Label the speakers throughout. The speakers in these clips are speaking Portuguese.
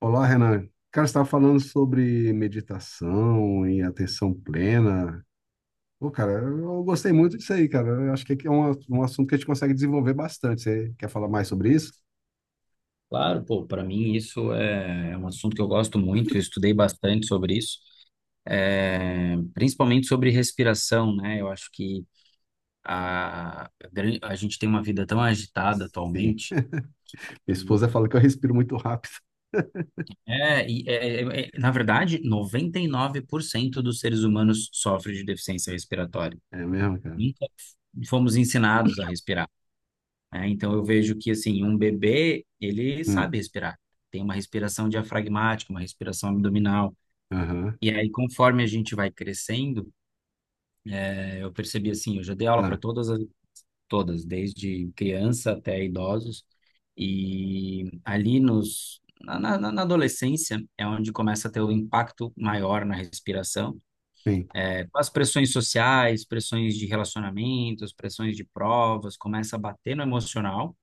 Speaker 1: Olá, Renan. Cara, você estava falando sobre meditação e atenção plena. Pô, cara, eu gostei muito disso aí, cara. Eu acho que é um assunto que a gente consegue desenvolver bastante. Você quer falar mais sobre isso?
Speaker 2: Claro, pô, para mim isso é um assunto que eu gosto muito, eu estudei bastante sobre isso, principalmente sobre respiração, né? Eu acho que a gente tem uma vida tão agitada
Speaker 1: Sim.
Speaker 2: atualmente.
Speaker 1: Minha esposa fala que eu respiro muito rápido.
Speaker 2: É, e é, Na verdade, 99% dos seres humanos sofrem de deficiência respiratória.
Speaker 1: É mesmo, cara?
Speaker 2: Nunca fomos ensinados a respirar, né? Então eu vejo que assim, um bebê, ele
Speaker 1: Hum,
Speaker 2: sabe respirar. Tem uma respiração diafragmática, uma respiração abdominal.
Speaker 1: aham.
Speaker 2: E aí, conforme a gente vai crescendo, eu percebi assim, eu já dei aula para
Speaker 1: Ah,
Speaker 2: todas, desde criança até idosos, e ali nos, na, na, na na adolescência é onde começa a ter o impacto maior na respiração,
Speaker 1: sim.
Speaker 2: com as pressões sociais, pressões de relacionamentos, pressões de provas, começa a bater no emocional.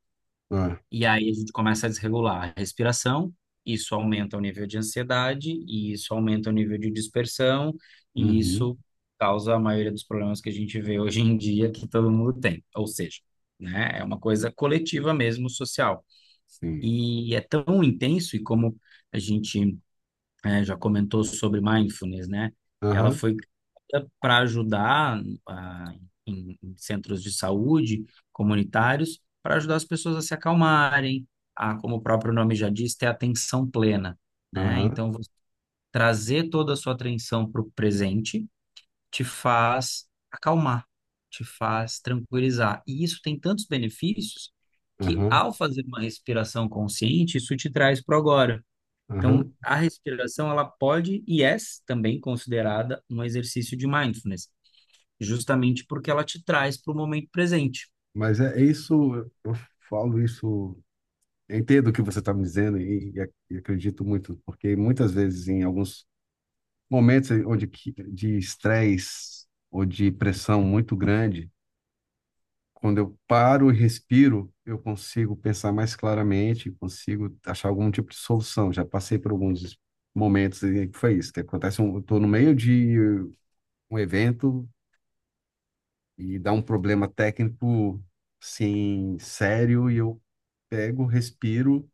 Speaker 1: Ah,
Speaker 2: E aí a gente começa a desregular a respiração, isso aumenta o nível de ansiedade, e isso aumenta o nível de dispersão, e
Speaker 1: uhum,
Speaker 2: isso causa a maioria dos problemas que a gente vê hoje em dia que todo mundo tem. Ou seja, né, é uma coisa coletiva mesmo, social.
Speaker 1: sim.
Speaker 2: E é tão intenso, e como a gente já comentou sobre mindfulness, né? Ela
Speaker 1: Aham,
Speaker 2: foi para ajudar ah, em centros de saúde comunitários, para ajudar as pessoas a se acalmarem, a, como o próprio nome já diz, ter atenção plena, né?
Speaker 1: aham,
Speaker 2: Então, você trazer toda a sua atenção para o presente te faz acalmar, te faz tranquilizar. E isso tem tantos benefícios que,
Speaker 1: aham,
Speaker 2: ao fazer uma respiração consciente, isso te traz para o agora. Então,
Speaker 1: aham.
Speaker 2: a respiração, ela pode e é também considerada um exercício de mindfulness, justamente porque ela te traz para o momento presente.
Speaker 1: Mas é isso, eu falo isso. Eu entendo o que você está me dizendo e acredito muito, porque muitas vezes, em alguns momentos de estresse ou de pressão muito grande, quando eu paro e respiro, eu consigo pensar mais claramente, consigo achar algum tipo de solução. Já passei por alguns momentos em que foi isso, que acontece, eu estou no meio de um evento e dá um problema técnico, assim, sério, e eu pego, respiro,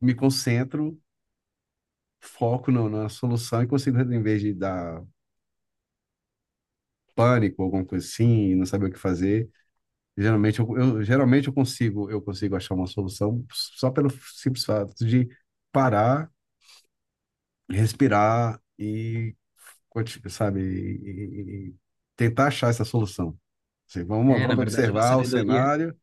Speaker 1: me concentro, foco no, na solução e consigo, em vez de dar pânico, alguma coisa assim, não saber o que fazer, geralmente geralmente eu consigo achar uma solução só pelo simples fato de parar, respirar e, sabe, e tentar achar essa solução. Assim, vamos,
Speaker 2: É, na
Speaker 1: vamos
Speaker 2: verdade,
Speaker 1: observar o cenário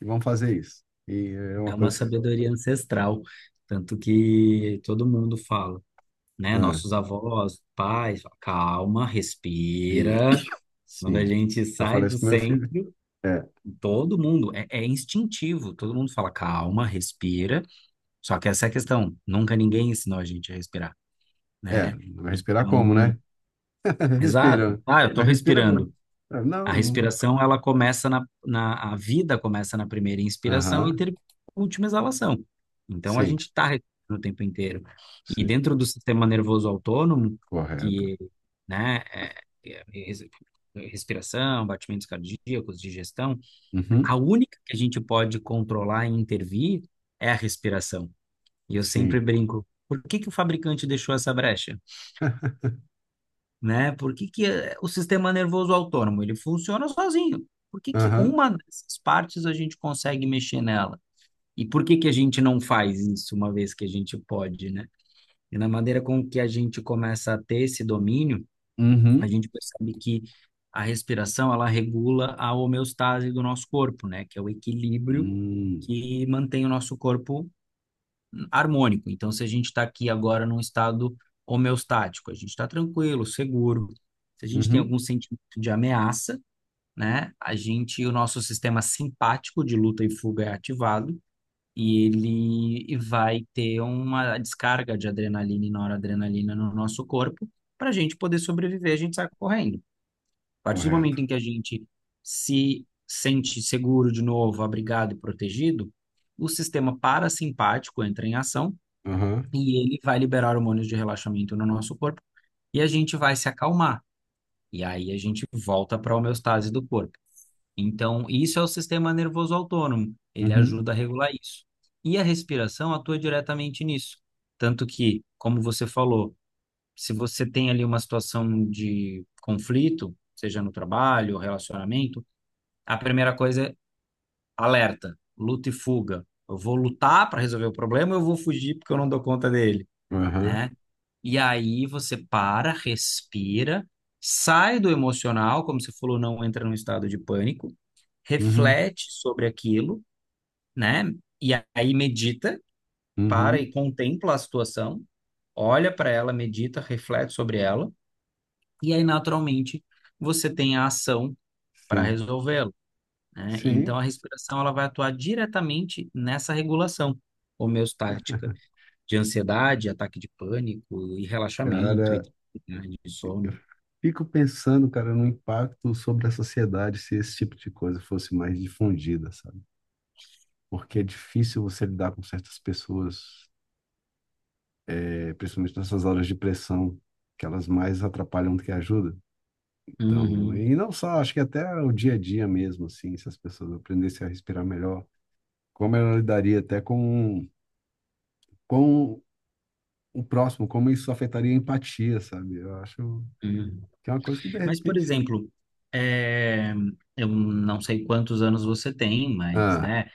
Speaker 1: e vamos fazer isso. E é
Speaker 2: é
Speaker 1: uma
Speaker 2: uma
Speaker 1: coisa que,
Speaker 2: sabedoria ancestral, tanto que todo mundo fala, né?
Speaker 1: ah,
Speaker 2: Nossos avós, pais, fala, calma,
Speaker 1: e,
Speaker 2: respira. Quando
Speaker 1: sim,
Speaker 2: a gente
Speaker 1: eu
Speaker 2: sai
Speaker 1: falei
Speaker 2: do
Speaker 1: isso com meu filho.
Speaker 2: centro,
Speaker 1: É,
Speaker 2: todo mundo, é instintivo, todo mundo fala, calma, respira. Só que essa é a questão, nunca ninguém ensinou a gente a respirar,
Speaker 1: é,
Speaker 2: né?
Speaker 1: respirar como,
Speaker 2: Então,
Speaker 1: né?
Speaker 2: exato.
Speaker 1: Respira.
Speaker 2: Ah, eu estou
Speaker 1: Mas respira com.
Speaker 2: respirando.
Speaker 1: Ah, não,
Speaker 2: A
Speaker 1: não.
Speaker 2: respiração, ela a vida começa na primeira inspiração e
Speaker 1: Aham.
Speaker 2: termina na última exalação. Então, a
Speaker 1: Sim,
Speaker 2: gente está respirando o tempo inteiro. E
Speaker 1: sim.
Speaker 2: dentro do sistema nervoso autônomo,
Speaker 1: Correto.
Speaker 2: que, né, é res- respiração, batimentos cardíacos, digestão, a
Speaker 1: Uhum.
Speaker 2: única que a gente pode controlar e intervir é a respiração. E eu sempre
Speaker 1: Sim.
Speaker 2: brinco, por que que o fabricante deixou essa brecha? Né? Por que que o sistema nervoso autônomo, ele funciona sozinho? Por que que
Speaker 1: Aham.
Speaker 2: uma dessas partes a gente consegue mexer nela? E por que que a gente não faz isso uma vez que a gente pode, né? E na maneira com que a gente começa a ter esse domínio, a
Speaker 1: Uhum.
Speaker 2: gente percebe que a respiração, ela regula a homeostase do nosso corpo, né? Que é o equilíbrio
Speaker 1: Hum.
Speaker 2: que mantém o nosso corpo harmônico. Então, se a gente está aqui agora num estado homeostático, a gente está tranquilo, seguro. Se a gente tem
Speaker 1: Uhum.
Speaker 2: algum sentimento de ameaça, né? A gente, o nosso sistema simpático de luta e fuga é ativado e ele vai ter uma descarga de adrenalina e noradrenalina no nosso corpo para a gente poder sobreviver, a gente sai correndo. A partir do
Speaker 1: Correto.
Speaker 2: momento em que a gente se sente seguro de novo, abrigado e protegido, o sistema parasimpático entra em ação
Speaker 1: Aham.
Speaker 2: e ele vai liberar hormônios de relaxamento no nosso corpo e a gente vai se acalmar. E aí a gente volta para a homeostase do corpo. Então, isso é o sistema nervoso autônomo, ele
Speaker 1: Uhum.
Speaker 2: ajuda a regular isso. E a respiração atua diretamente nisso. Tanto que, como você falou, se você tem ali uma situação de conflito, seja no trabalho ou relacionamento, a primeira coisa é alerta, luta e fuga. Eu vou lutar para resolver o problema, ou eu vou fugir porque eu não dou conta dele,
Speaker 1: Aham.
Speaker 2: né? E aí você para, respira, sai do emocional, como você falou, não entra num estado de pânico,
Speaker 1: Uhum.
Speaker 2: reflete sobre aquilo, né? E aí medita, para e
Speaker 1: Uhum.
Speaker 2: contempla a situação, olha para ela, medita, reflete sobre ela, e aí naturalmente você tem a ação para
Speaker 1: Sim.
Speaker 2: resolvê-lo, né? Então
Speaker 1: Sim.
Speaker 2: a respiração ela vai atuar diretamente nessa regulação de ansiedade, ataque de pânico e relaxamento e
Speaker 1: Cara,
Speaker 2: dificuldade de sono.
Speaker 1: fico pensando, cara, no impacto sobre a sociedade se esse tipo de coisa fosse mais difundida, sabe? Porque é difícil você lidar com certas pessoas é, principalmente nessas horas de pressão, que elas mais atrapalham do que ajudam. Então,
Speaker 2: Uhum,
Speaker 1: e não só, acho que até o dia a dia mesmo, assim, se as pessoas aprendessem a respirar melhor, como ela lidaria até com o próximo, como isso afetaria a empatia, sabe? Eu acho
Speaker 2: uhum.
Speaker 1: que é uma coisa que, de
Speaker 2: Mas, por
Speaker 1: repente...
Speaker 2: exemplo, é, eu não sei quantos anos você tem, mas,
Speaker 1: Ah,
Speaker 2: né,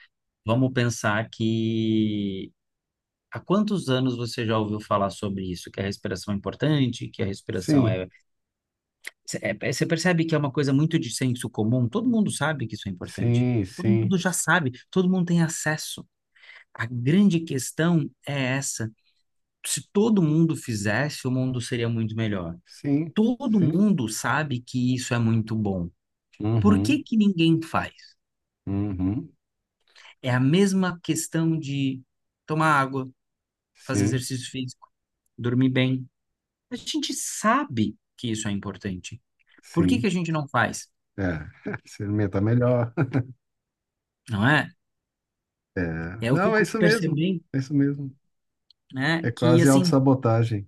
Speaker 2: vamos pensar que há quantos anos você já ouviu falar sobre isso, que a respiração é importante, que a respiração
Speaker 1: sim,
Speaker 2: é... Você percebe que é uma coisa muito de senso comum? Todo mundo sabe que isso é importante.
Speaker 1: sim,
Speaker 2: Todo
Speaker 1: sim,
Speaker 2: mundo já sabe, todo mundo tem acesso. A grande questão é essa. Se todo mundo fizesse, o mundo seria muito melhor.
Speaker 1: sim,
Speaker 2: Todo
Speaker 1: sim,
Speaker 2: mundo sabe que isso é muito bom. Por que
Speaker 1: uhum,
Speaker 2: que ninguém faz?
Speaker 1: uhum,
Speaker 2: É a mesma questão de tomar água, fazer
Speaker 1: sim,
Speaker 2: exercício físico, dormir bem. A gente sabe que isso é importante. Por que que a
Speaker 1: sim,
Speaker 2: gente não faz?
Speaker 1: é, se alimentar melhor,
Speaker 2: Não é?
Speaker 1: é,
Speaker 2: Eu
Speaker 1: não, é
Speaker 2: fico
Speaker 1: isso mesmo,
Speaker 2: percebendo,
Speaker 1: é isso mesmo. É
Speaker 2: né, que
Speaker 1: quase
Speaker 2: assim,
Speaker 1: autossabotagem.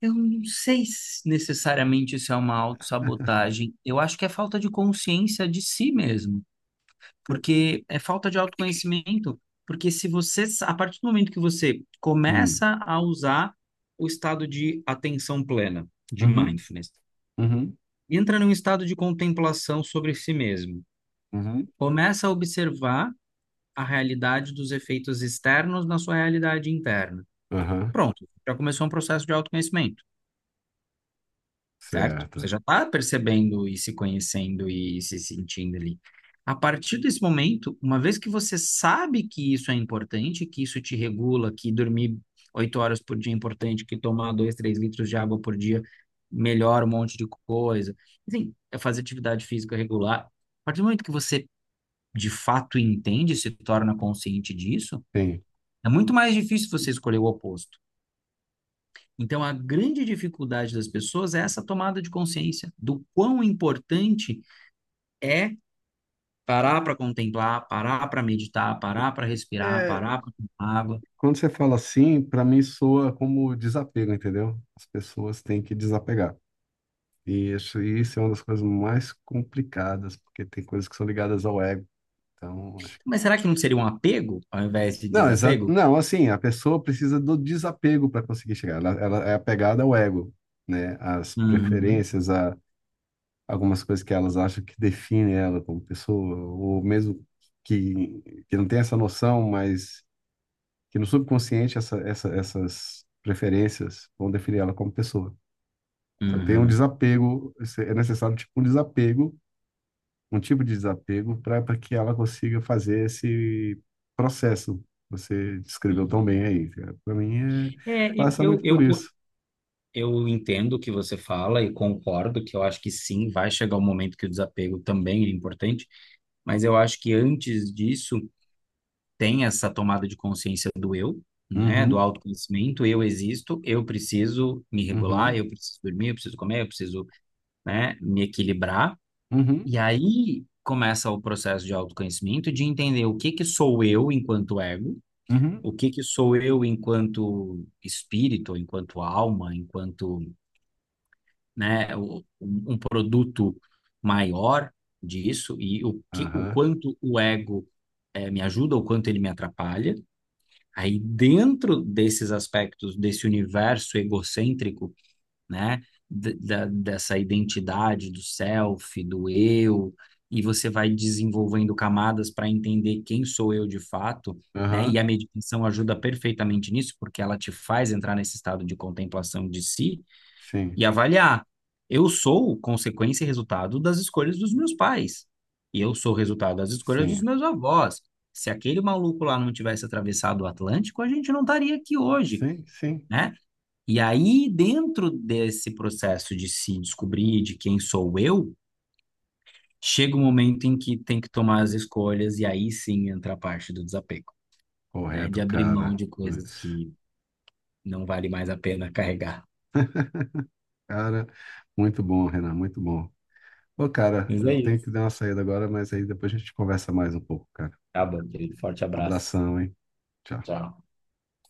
Speaker 2: eu não sei se necessariamente isso é uma autossabotagem. Eu acho que é falta de consciência de si mesmo, porque é falta de autoconhecimento, porque se você, a partir do momento que você
Speaker 1: Hum.
Speaker 2: começa a usar o estado de atenção plena, de
Speaker 1: Uhum,
Speaker 2: mindfulness,
Speaker 1: uhum,
Speaker 2: entra num estado de contemplação sobre si mesmo,
Speaker 1: uhum,
Speaker 2: começa a observar a realidade dos efeitos externos na sua realidade interna.
Speaker 1: aham,
Speaker 2: Pronto, já começou um processo de autoconhecimento. Certo? Você
Speaker 1: certo.
Speaker 2: já está percebendo e se conhecendo e se sentindo ali. A partir desse momento, uma vez que você sabe que isso é importante, que isso te regula, que dormir 8 horas por dia é importante, que tomar 2, 3 litros de água por dia melhora um monte de coisa, enfim, é fazer atividade física regular. A partir do momento que você de fato entende, se torna consciente disso,
Speaker 1: Sim.
Speaker 2: é muito mais difícil você escolher o oposto. Então, a grande dificuldade das pessoas é essa tomada de consciência do quão importante é parar para contemplar, parar para meditar, parar para respirar,
Speaker 1: É,
Speaker 2: parar para tomar água.
Speaker 1: quando você fala assim, para mim soa como desapego, entendeu? As pessoas têm que desapegar. E isso é uma das coisas mais complicadas, porque tem coisas que são ligadas ao ego. Então, acho que...
Speaker 2: Mas será que não seria um apego ao invés de
Speaker 1: Não,
Speaker 2: desapego?
Speaker 1: não, assim, a pessoa precisa do desapego para conseguir chegar. Ela é apegada ao ego, né? Às
Speaker 2: Uhum,
Speaker 1: preferências, a algumas coisas que elas acham que definem ela como pessoa, ou mesmo que não tem essa noção, mas que no subconsciente essas preferências vão definir ela como pessoa. Então, tem um
Speaker 2: uhum,
Speaker 1: desapego, é necessário tipo um desapego, um tipo de desapego para que ela consiga fazer esse processo. Que Você descreveu tão bem
Speaker 2: uhum.
Speaker 1: aí, cara. Para mim, é,
Speaker 2: É,
Speaker 1: passa
Speaker 2: eu, eu,
Speaker 1: muito por isso.
Speaker 2: eu, eu entendo o que você fala e concordo que eu acho que sim, vai chegar o momento que o desapego também é importante, mas eu acho que antes disso tem essa tomada de consciência do eu, né, do
Speaker 1: Uhum,
Speaker 2: autoconhecimento, eu existo, eu preciso me regular,
Speaker 1: uhum,
Speaker 2: eu preciso dormir, eu preciso comer, eu preciso, né, me equilibrar.
Speaker 1: uhum,
Speaker 2: E aí começa o processo de autoconhecimento, de entender o que que sou eu enquanto ego,
Speaker 1: uhum,
Speaker 2: o que que sou eu enquanto espírito, enquanto alma, enquanto, né, um produto maior disso e o que, o
Speaker 1: aham,
Speaker 2: quanto o ego me ajuda, o quanto ele me atrapalha. Aí, dentro desses aspectos, desse universo egocêntrico, né, dessa identidade do self, do eu, e você vai desenvolvendo camadas para entender quem sou eu de fato, né, e
Speaker 1: aham,
Speaker 2: a meditação ajuda perfeitamente nisso, porque ela te faz entrar nesse estado de contemplação de si,
Speaker 1: sim.
Speaker 2: e avaliar. Eu sou consequência e resultado das escolhas dos meus pais. E eu sou resultado das escolhas dos
Speaker 1: Sim,
Speaker 2: meus avós. Se aquele maluco lá não tivesse atravessado o Atlântico, a gente não estaria aqui hoje,
Speaker 1: sim, sim.
Speaker 2: né? E aí, dentro desse processo de se descobrir de quem sou eu, chega um momento em que tem que tomar as escolhas e aí sim entra a parte do desapego, né?
Speaker 1: Correto,
Speaker 2: De abrir mão
Speaker 1: cara.
Speaker 2: de coisas
Speaker 1: Pois.
Speaker 2: que não vale mais a pena carregar.
Speaker 1: Cara, muito bom, Renan, muito bom. Ô, cara,
Speaker 2: Mas é
Speaker 1: eu tenho que
Speaker 2: isso.
Speaker 1: dar uma saída agora, mas aí depois a gente conversa mais um pouco, cara.
Speaker 2: Tá bom, querido. Forte abraço.
Speaker 1: Abração, hein? Tchau.
Speaker 2: Tchau.